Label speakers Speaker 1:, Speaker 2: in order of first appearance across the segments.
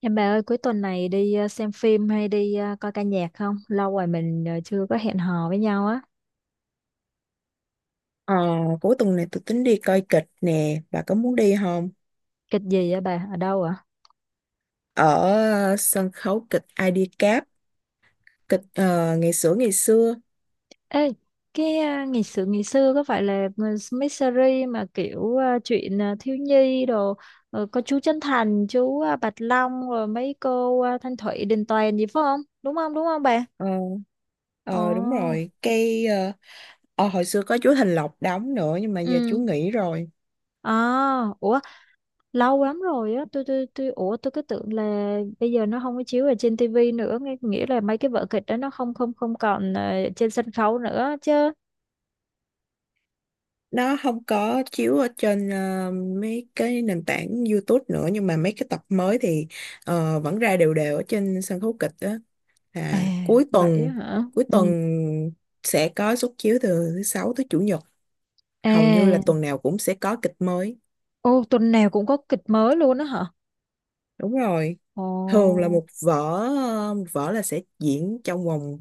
Speaker 1: Em bà ơi, cuối tuần này đi xem phim hay đi coi ca nhạc không? Lâu rồi mình chưa có hẹn hò với nhau á.
Speaker 2: Ờ, cuối tuần này tôi tính đi coi kịch nè, bà có muốn đi không?
Speaker 1: Kịch gì á bà? Ở đâu ạ?
Speaker 2: Ở sân khấu kịch Ai đi cáp kịch ngày xưa ngày xưa.
Speaker 1: Ê, ngày sự ngày xưa có phải là mấy series mà kiểu chuyện thiếu nhi đồ có chú Trấn Thành, chú Bạch Long rồi mấy cô Thanh Thủy, Đình Toàn gì phải không? Đúng không? Đúng không bà?
Speaker 2: Ờ, Đúng
Speaker 1: Ồ.
Speaker 2: rồi, hồi xưa có chú Thành Lộc đóng nữa nhưng mà giờ chú
Speaker 1: Ừ.
Speaker 2: nghỉ rồi.
Speaker 1: À, ủa, lâu lắm rồi á, tôi ủa, tôi cứ tưởng là bây giờ nó không có chiếu ở trên tivi nữa, nghĩa là mấy cái vở kịch đó nó không không không còn trên sân khấu nữa chứ.
Speaker 2: Nó không có chiếu ở trên mấy cái nền tảng YouTube nữa, nhưng mà mấy cái tập mới thì vẫn ra đều đều ở trên sân khấu kịch đó. Là
Speaker 1: À, vậy á hả?
Speaker 2: cuối
Speaker 1: Ừ.
Speaker 2: tuần sẽ có suất chiếu từ thứ sáu tới chủ nhật, hầu như là
Speaker 1: À.
Speaker 2: tuần nào cũng sẽ có kịch mới.
Speaker 1: Ô, tuần nào cũng có kịch mới luôn á hả?
Speaker 2: Đúng rồi,
Speaker 1: Ồ.
Speaker 2: thường là một vở, một vở là sẽ diễn trong vòng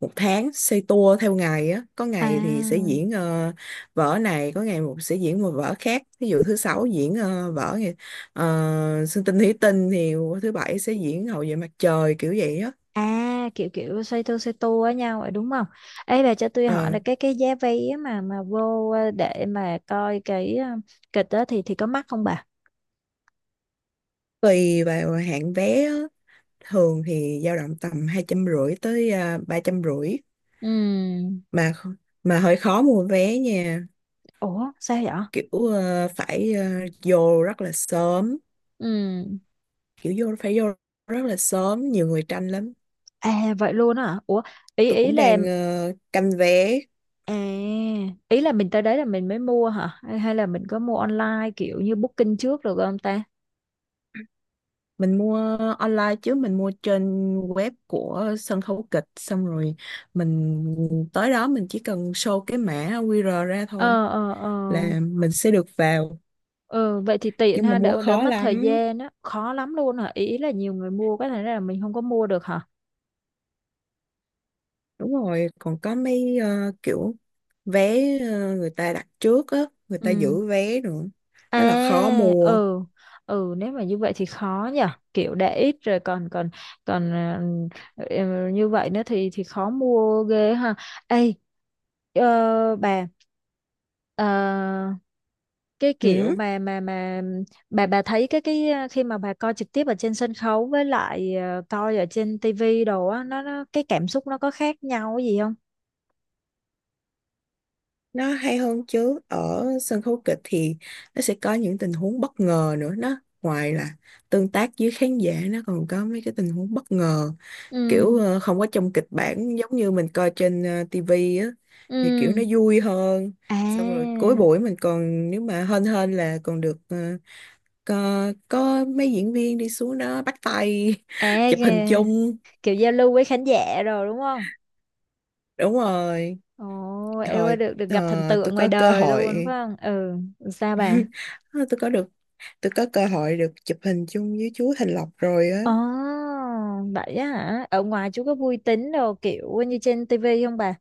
Speaker 2: một tháng, xoay tua theo ngày á. Có ngày thì sẽ
Speaker 1: À.
Speaker 2: diễn vở này, có ngày một sẽ diễn một vở khác. Ví dụ thứ sáu diễn vở này, Sơn Tinh Thủy Tinh, thì thứ bảy sẽ diễn Hậu Duệ Mặt Trời, kiểu vậy á.
Speaker 1: À, kiểu kiểu xoay tua với nhau vậy đúng không? Ấy bà, cho tôi hỏi
Speaker 2: Ờ,
Speaker 1: là cái giá vé mà mà vô, để mà coi cái kịch đó thì có mắc không bà?
Speaker 2: tùy vào hạng vé á, thường thì dao động tầm hai trăm rưỡi tới ba trăm rưỡi.
Speaker 1: Ừ.
Speaker 2: mà kh- mà hơi khó mua vé nha.
Speaker 1: Ủa, sao vậy?
Speaker 2: Kiểu ờ, phải ờ, vô rất là sớm,
Speaker 1: Ừ.
Speaker 2: kiểu vô phải vô rất là sớm, nhiều người tranh lắm.
Speaker 1: À vậy luôn á hả? Ủa, ý
Speaker 2: Tôi
Speaker 1: ý
Speaker 2: cũng
Speaker 1: là,
Speaker 2: đang canh vé.
Speaker 1: à, ý là mình tới đấy là mình mới mua hả? Hay, hay là mình có mua online kiểu như booking trước được không ta?
Speaker 2: Mình mua online chứ, mình mua trên web của sân khấu kịch, xong rồi mình tới đó mình chỉ cần show cái mã QR ra thôi
Speaker 1: Ờ ờ ờ.
Speaker 2: là mình sẽ được vào.
Speaker 1: Ừ, vậy thì tiện
Speaker 2: Nhưng mà
Speaker 1: ha,
Speaker 2: mua
Speaker 1: đỡ đỡ
Speaker 2: khó
Speaker 1: mất thời
Speaker 2: lắm.
Speaker 1: gian á. Khó lắm luôn hả? Ý ý là nhiều người mua cái này là mình không có mua được hả?
Speaker 2: Đúng rồi, còn có mấy kiểu vé người ta đặt trước á, người ta
Speaker 1: Ừ.
Speaker 2: giữ vé nữa,
Speaker 1: À,
Speaker 2: rất là khó mua.
Speaker 1: ừ, ừ, nếu mà như vậy thì khó nhở. Kiểu để ít rồi còn còn còn ờ, ừ, như vậy nữa thì khó mua ghê ha. Ê, ờ, bà, ờ, cái kiểu
Speaker 2: Ừ.
Speaker 1: mà mà bà thấy cái cái, khi mà bà coi trực tiếp ở trên sân khấu với lại coi ở trên tivi đồ á, nó cái cảm xúc nó có khác nhau gì không?
Speaker 2: Nó hay hơn chứ, ở sân khấu kịch thì nó sẽ có những tình huống bất ngờ nữa. Nó ngoài là tương tác với khán giả, nó còn có mấy cái tình huống bất ngờ
Speaker 1: Ừ.
Speaker 2: kiểu không có trong kịch bản, giống như mình coi trên TV á, thì kiểu
Speaker 1: Ừ.
Speaker 2: nó vui hơn.
Speaker 1: À.
Speaker 2: Xong rồi cuối buổi mình còn, nếu mà hên hên là còn được có mấy diễn viên đi xuống đó bắt tay
Speaker 1: À.
Speaker 2: chụp hình
Speaker 1: Kìa,
Speaker 2: chung.
Speaker 1: kiểu giao lưu với khán giả rồi đúng không?
Speaker 2: Đúng rồi.
Speaker 1: Ồ, em ơi,
Speaker 2: hồi
Speaker 1: được được gặp thần
Speaker 2: ờ, tôi
Speaker 1: tượng ngoài
Speaker 2: có cơ
Speaker 1: đời luôn phải
Speaker 2: hội
Speaker 1: không? Ừ, sao bà?
Speaker 2: Ờ, tôi có cơ hội được chụp hình chung với chú Thành Lộc rồi á.
Speaker 1: Ồ, vậy á hả? Ở ngoài chú có vui tính đồ kiểu như trên tivi không bà?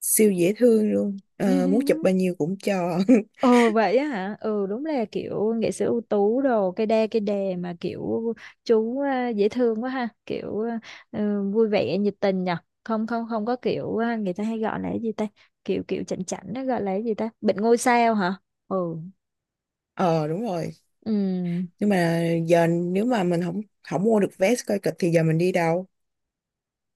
Speaker 2: Siêu dễ thương luôn. Ờ, muốn chụp bao nhiêu cũng cho.
Speaker 1: Ồ vậy á hả? Ừ, đúng là kiểu nghệ sĩ ưu tú đồ cây đa cây đề mà kiểu chú, à, dễ thương quá ha, kiểu à, ừ, vui vẻ nhiệt tình nhở. Không không không có kiểu à, người ta hay gọi là cái gì ta? Kiểu kiểu chảnh chảnh nó gọi là cái gì ta? Bệnh ngôi sao hả? Ừ.
Speaker 2: Ờ đúng rồi.
Speaker 1: Ừ.
Speaker 2: Nhưng mà giờ nếu mà mình không không mua được vé coi kịch thì giờ mình đi đâu?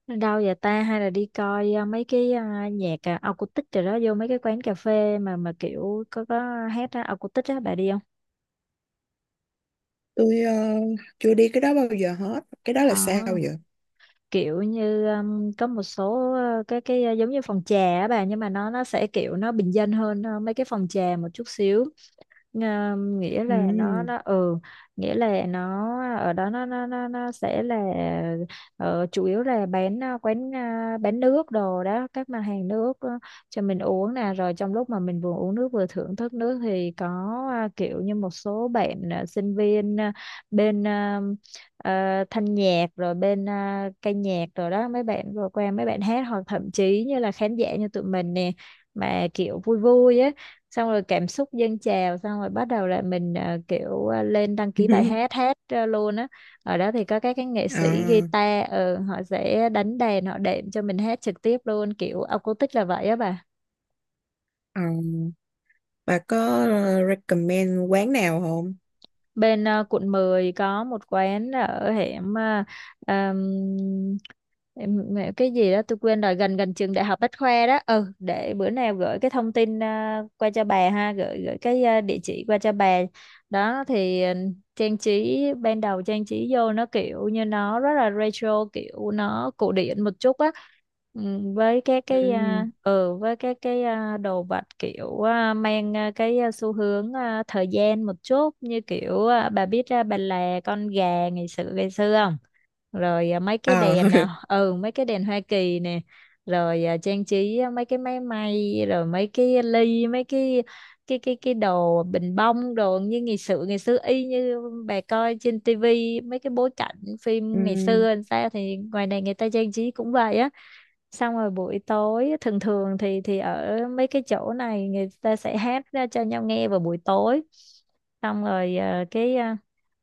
Speaker 1: Đâu vậy ta, hay là đi coi à, mấy cái à, nhạc à, acoustic rồi đó, vô mấy cái quán cà phê mà kiểu có hát á, acoustic á bà đi không?
Speaker 2: Tôi chưa đi cái đó bao giờ hết, cái đó
Speaker 1: Ờ,
Speaker 2: là sao vậy?
Speaker 1: kiểu như có một số cái, giống như phòng trà á bà, nhưng mà nó sẽ kiểu nó bình dân hơn mấy cái phòng trà một chút xíu. Nghĩa là nó
Speaker 2: Ừm.
Speaker 1: nó ừ, nghĩa là nó, ở đó nó nó sẽ là ờ, chủ yếu là bán quán bán nước đồ đó, các mặt hàng nước, cho mình uống nè, rồi trong lúc mà mình vừa uống nước vừa thưởng thức nước thì có kiểu như một số bạn sinh viên bên thanh nhạc rồi bên ca nhạc rồi đó, mấy bạn vừa qua mấy bạn hát, hoặc thậm chí như là khán giả như tụi mình nè, mà kiểu vui vui á, xong rồi cảm xúc dâng trào xong rồi bắt đầu là mình kiểu lên đăng ký bài hát, hát luôn á. Ở đó thì có các cái nghệ sĩ
Speaker 2: À,
Speaker 1: guitar, họ sẽ đánh đàn, họ đệm cho mình hát trực tiếp luôn, kiểu acoustic là vậy á bà.
Speaker 2: à, bà có recommend quán nào không?
Speaker 1: Bên quận 10 có một quán ở hẻm ờm, cái gì đó tôi quên rồi, gần gần trường đại học Bách Khoa đó. Ừ, để bữa nào gửi cái thông tin, à, qua cho bà ha, gửi gửi cái à, địa chỉ qua cho bà đó. Thì ừ, trang trí ban đầu, trang trí vô nó kiểu như nó rất là retro, kiểu nó cổ điển một chút á. Ừ, với cái
Speaker 2: Ừm.
Speaker 1: à, ừ, với cái à, đồ vật kiểu à, mang à, cái à, xu hướng à, thời gian một chút, như kiểu à, bà biết à, bà là con gà ngày xưa không, rồi à, mấy cái
Speaker 2: Ờ.
Speaker 1: đèn à, ừ, mấy cái đèn Hoa Kỳ nè, rồi à, trang trí à, mấy cái máy may rồi mấy cái ly mấy cái cái đồ bình bông đồ như ngày xưa ngày xưa, y như bà coi trên tivi mấy cái bối cảnh phim ngày
Speaker 2: Ừm.
Speaker 1: xưa làm sao thì ngoài này người ta trang trí cũng vậy á. Xong rồi buổi tối thường thường thì ở mấy cái chỗ này người ta sẽ hát ra cho nhau nghe vào buổi tối, xong rồi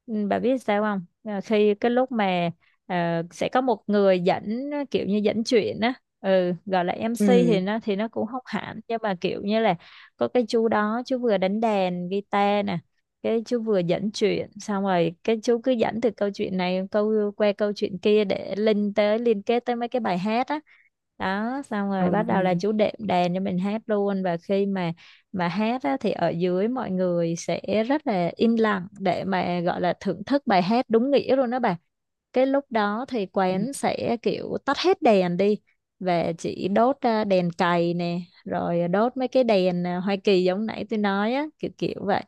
Speaker 1: ừ, bà biết sao không? Ờ, khi cái lúc mà sẽ có một người dẫn, kiểu như dẫn chuyện á, ừ, gọi là MC
Speaker 2: Ừm.
Speaker 1: thì nó cũng không hẳn, nhưng mà kiểu như là có cái chú đó, chú vừa đánh đàn guitar nè, cái chú vừa dẫn chuyện, xong rồi cái chú cứ dẫn từ câu chuyện này, câu qua câu chuyện kia để link tới, liên kết tới mấy cái bài hát á. Đó, xong
Speaker 2: Ờ.
Speaker 1: rồi bắt đầu là chú đệm đàn cho mình hát luôn. Và khi mà hát á, thì ở dưới mọi người sẽ rất là im lặng để mà gọi là thưởng thức bài hát đúng nghĩa luôn đó bà. Cái lúc đó thì quán sẽ kiểu tắt hết đèn đi, và chỉ đốt à, đèn cầy nè, rồi đốt mấy cái đèn à, Hoa Kỳ giống nãy tôi nói á, kiểu kiểu vậy.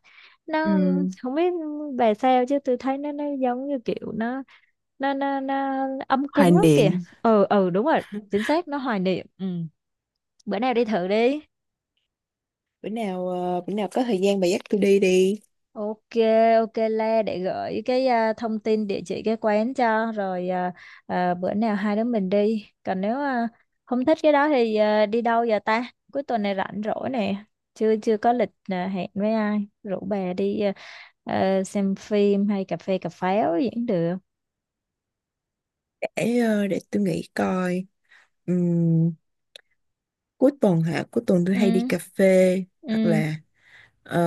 Speaker 1: Nó,
Speaker 2: Ừm.
Speaker 1: không biết bà sao chứ tôi thấy nó giống như kiểu nó nó ấm
Speaker 2: Hoài
Speaker 1: cúng lắm kìa.
Speaker 2: niệm.
Speaker 1: Ừ ừ đúng rồi, chính xác, nó hoài niệm. Ừ, bữa nào đi thử đi.
Speaker 2: Bữa nào bữa nào có thời gian bà dắt tôi đi đi.
Speaker 1: Ok, ok, Le để gửi cái à, thông tin địa chỉ cái quán cho rồi à, à, bữa nào hai đứa mình đi. Còn nếu à, không thích cái đó thì à, đi đâu giờ ta? Cuối tuần này rảnh rỗi nè, chưa chưa có lịch à, hẹn với ai, rủ bà đi à, à, xem phim hay cà phê cà pháo gì cũng được.
Speaker 2: Để để tôi nghĩ coi. Ừm, cuối tuần hả, cuối tuần tôi
Speaker 1: Ừ.
Speaker 2: hay đi cà phê, hoặc
Speaker 1: Ừ.
Speaker 2: là ờ,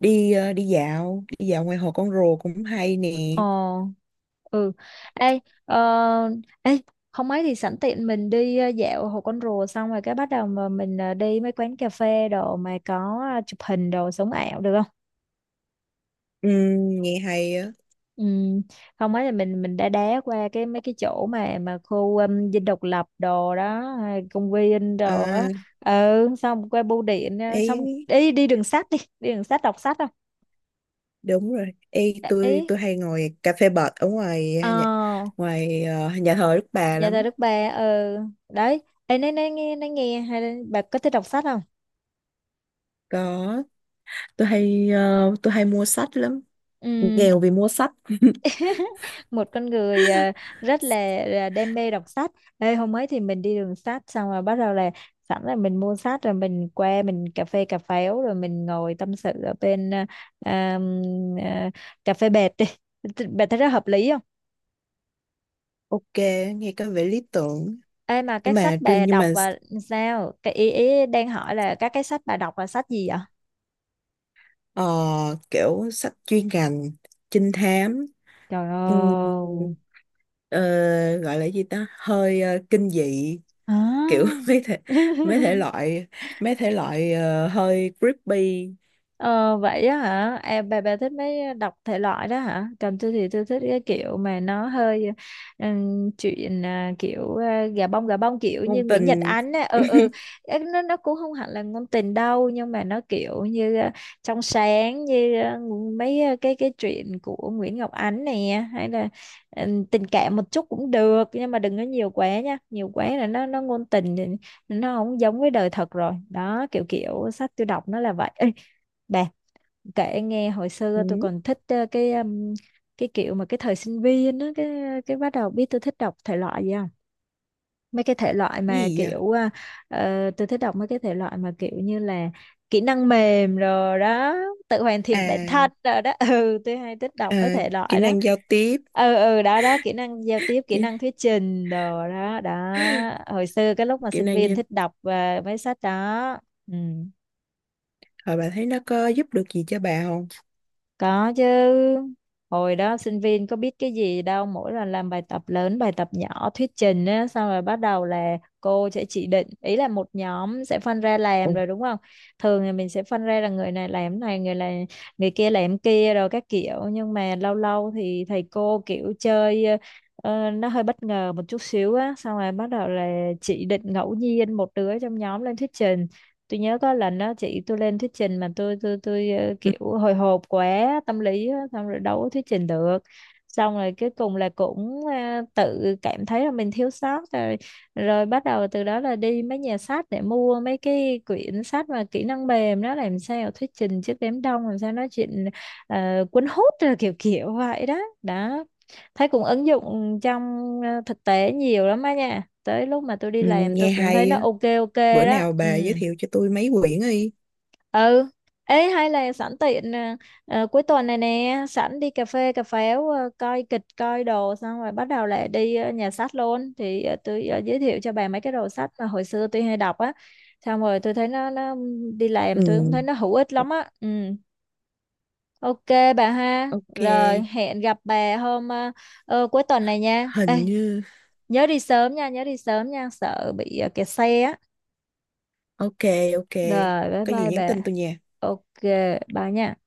Speaker 2: đi đi dạo ngoài hồ Con Rùa cũng hay nè.
Speaker 1: Ờ, ừ. Ê, ờ, ê, không ấy thì sẵn tiện mình đi dạo Hồ Con Rùa xong rồi cái bắt đầu mà mình đi mấy quán cà phê đồ mà có chụp hình đồ sống ảo được không?
Speaker 2: Nghe hay á.
Speaker 1: Ừ, không ấy là mình đã đá qua cái mấy cái chỗ mà khu Dinh Độc Lập đồ đó, hay công viên đồ á.
Speaker 2: À,
Speaker 1: Ừ, xong qua bưu điện, ờ, xong
Speaker 2: ấy
Speaker 1: đi đi đường sách đi, đi đường sách đọc sách không?
Speaker 2: đúng rồi, ấy tôi
Speaker 1: Ý,
Speaker 2: tôi hay ngồi cà phê bệt ở ngoài
Speaker 1: Ờ,
Speaker 2: nhà, ngoài nhà thờ Đức Bà
Speaker 1: Nhà thờ
Speaker 2: lắm.
Speaker 1: Đức Bà. Ừ, đấy. Ê, nói nghe, nói nghe hay, là bà có thích đọc sách không?
Speaker 2: Có, tôi hay tôi hay mua sách lắm,
Speaker 1: Ừm,
Speaker 2: nghèo vì mua sách.
Speaker 1: một con người à, rất là đam mê đọc sách. Ê, hôm ấy thì mình đi đường sách xong rồi bắt đầu là sẵn là mình mua sách rồi mình qua mình cà phê cà pháo rồi mình ngồi tâm sự ở bên à, à, à, cà phê bệt đi. Thì bà thấy rất hợp lý không?
Speaker 2: Ok, nghe có vẻ lý tưởng.
Speaker 1: Ê, mà
Speaker 2: Nhưng
Speaker 1: các sách
Speaker 2: mà truyền
Speaker 1: bà
Speaker 2: nhưng mà
Speaker 1: đọc là sao? Cái ý đang hỏi là các cái sách bà đọc là sách gì vậy?
Speaker 2: ờ, kiểu sách chuyên ngành, trinh thám,
Speaker 1: Trời
Speaker 2: ừm,
Speaker 1: ơi.
Speaker 2: ờ, gọi là gì ta, hơi kinh dị kiểu
Speaker 1: À.
Speaker 2: mấy thể loại, mấy thể loại hơi creepy.
Speaker 1: Ờ, vậy á hả? À, bà thích mấy đọc thể loại đó hả? Còn tôi thì tôi thích cái kiểu mà nó hơi chuyện à, kiểu à, gà bông kiểu như
Speaker 2: Ngôn
Speaker 1: Nguyễn Nhật
Speaker 2: tình.
Speaker 1: Ánh á. Ừ ừ. Ê, nó cũng không hẳn là ngôn tình đâu, nhưng mà nó kiểu như à, trong sáng như à, mấy à, cái chuyện của Nguyễn Ngọc Ánh nè, hay là tình cảm một chút cũng được, nhưng mà đừng có nhiều quá nha. Nhiều quá là nó ngôn tình thì nó không giống với đời thật rồi. Đó, kiểu kiểu sách tôi đọc nó là vậy. Ê, bà kể nghe, hồi
Speaker 2: Ừ,
Speaker 1: xưa tôi còn thích cái kiểu mà cái thời sinh viên á, cái bắt đầu biết tôi thích đọc thể loại gì không? Mấy cái thể loại mà
Speaker 2: gì vậy?
Speaker 1: kiểu tôi thích đọc mấy cái thể loại mà kiểu như là kỹ năng mềm rồi đó, tự hoàn thiện bản thân
Speaker 2: À,
Speaker 1: rồi đó. Ừ, tôi hay thích đọc mấy
Speaker 2: à,
Speaker 1: thể
Speaker 2: kỹ
Speaker 1: loại đó.
Speaker 2: năng giao tiếp.
Speaker 1: Ừ ừ đó đó, kỹ năng giao tiếp, kỹ
Speaker 2: kỹ,
Speaker 1: năng thuyết trình đồ đó đó. Hồi xưa cái lúc mà
Speaker 2: kỹ
Speaker 1: sinh
Speaker 2: năng
Speaker 1: viên
Speaker 2: giao.
Speaker 1: thích đọc mấy sách đó. Ừ.
Speaker 2: Hồi bà thấy nó có giúp được gì cho bà không?
Speaker 1: Có chứ. Hồi đó sinh viên có biết cái gì đâu, mỗi lần làm bài tập lớn, bài tập nhỏ, thuyết trình á, xong rồi bắt đầu là cô sẽ chỉ định, ý là một nhóm sẽ phân ra làm
Speaker 2: Ồ.
Speaker 1: rồi đúng không? Thường thì mình sẽ phân ra là người này làm cái này người kia làm cái kia rồi các kiểu, nhưng mà lâu lâu thì thầy cô kiểu chơi nó hơi bất ngờ một chút xíu á, xong rồi bắt đầu là chỉ định ngẫu nhiên một đứa trong nhóm lên thuyết trình. Tôi nhớ có lần đó chị tôi lên thuyết trình mà tôi
Speaker 2: Ừ,
Speaker 1: kiểu hồi hộp quá, tâm lý á, xong rồi đâu có thuyết trình được, xong rồi cuối cùng là cũng tự cảm thấy là mình thiếu sót rồi, rồi bắt đầu từ đó là đi mấy nhà sách để mua mấy cái quyển sách mà kỹ năng mềm đó, làm sao thuyết trình trước đám đông, làm sao nói chuyện cuốn hút rồi kiểu kiểu vậy đó. Đó, thấy cũng ứng dụng trong thực tế nhiều lắm á nha, tới lúc mà tôi đi
Speaker 2: ừ,
Speaker 1: làm tôi
Speaker 2: nghe
Speaker 1: cũng thấy
Speaker 2: hay
Speaker 1: nó
Speaker 2: á.
Speaker 1: ok ok
Speaker 2: Bữa
Speaker 1: đó.
Speaker 2: nào
Speaker 1: Ừ
Speaker 2: bà giới thiệu cho tôi mấy quyển đi.
Speaker 1: ừ ê, hay là sẵn tiện cuối tuần này nè sẵn đi cà phê cà pháo, coi kịch coi đồ, xong rồi bắt đầu lại đi nhà sách luôn, thì tôi giới thiệu cho bà mấy cái đồ sách mà hồi xưa tôi hay đọc á, xong rồi tôi thấy nó đi làm tôi cũng thấy nó hữu ích
Speaker 2: Ừ.
Speaker 1: lắm á. Ừ, ok bà ha,
Speaker 2: Ok.
Speaker 1: rồi hẹn gặp bà hôm cuối tuần này nha. Ê,
Speaker 2: Hình như
Speaker 1: nhớ đi sớm nha, nhớ đi sớm nha, sợ bị kẹt xe á.
Speaker 2: ok. Ok,
Speaker 1: Rồi bye
Speaker 2: có gì
Speaker 1: bye
Speaker 2: nhắn
Speaker 1: bà.
Speaker 2: tin tôi nha.
Speaker 1: Ok, bye nha.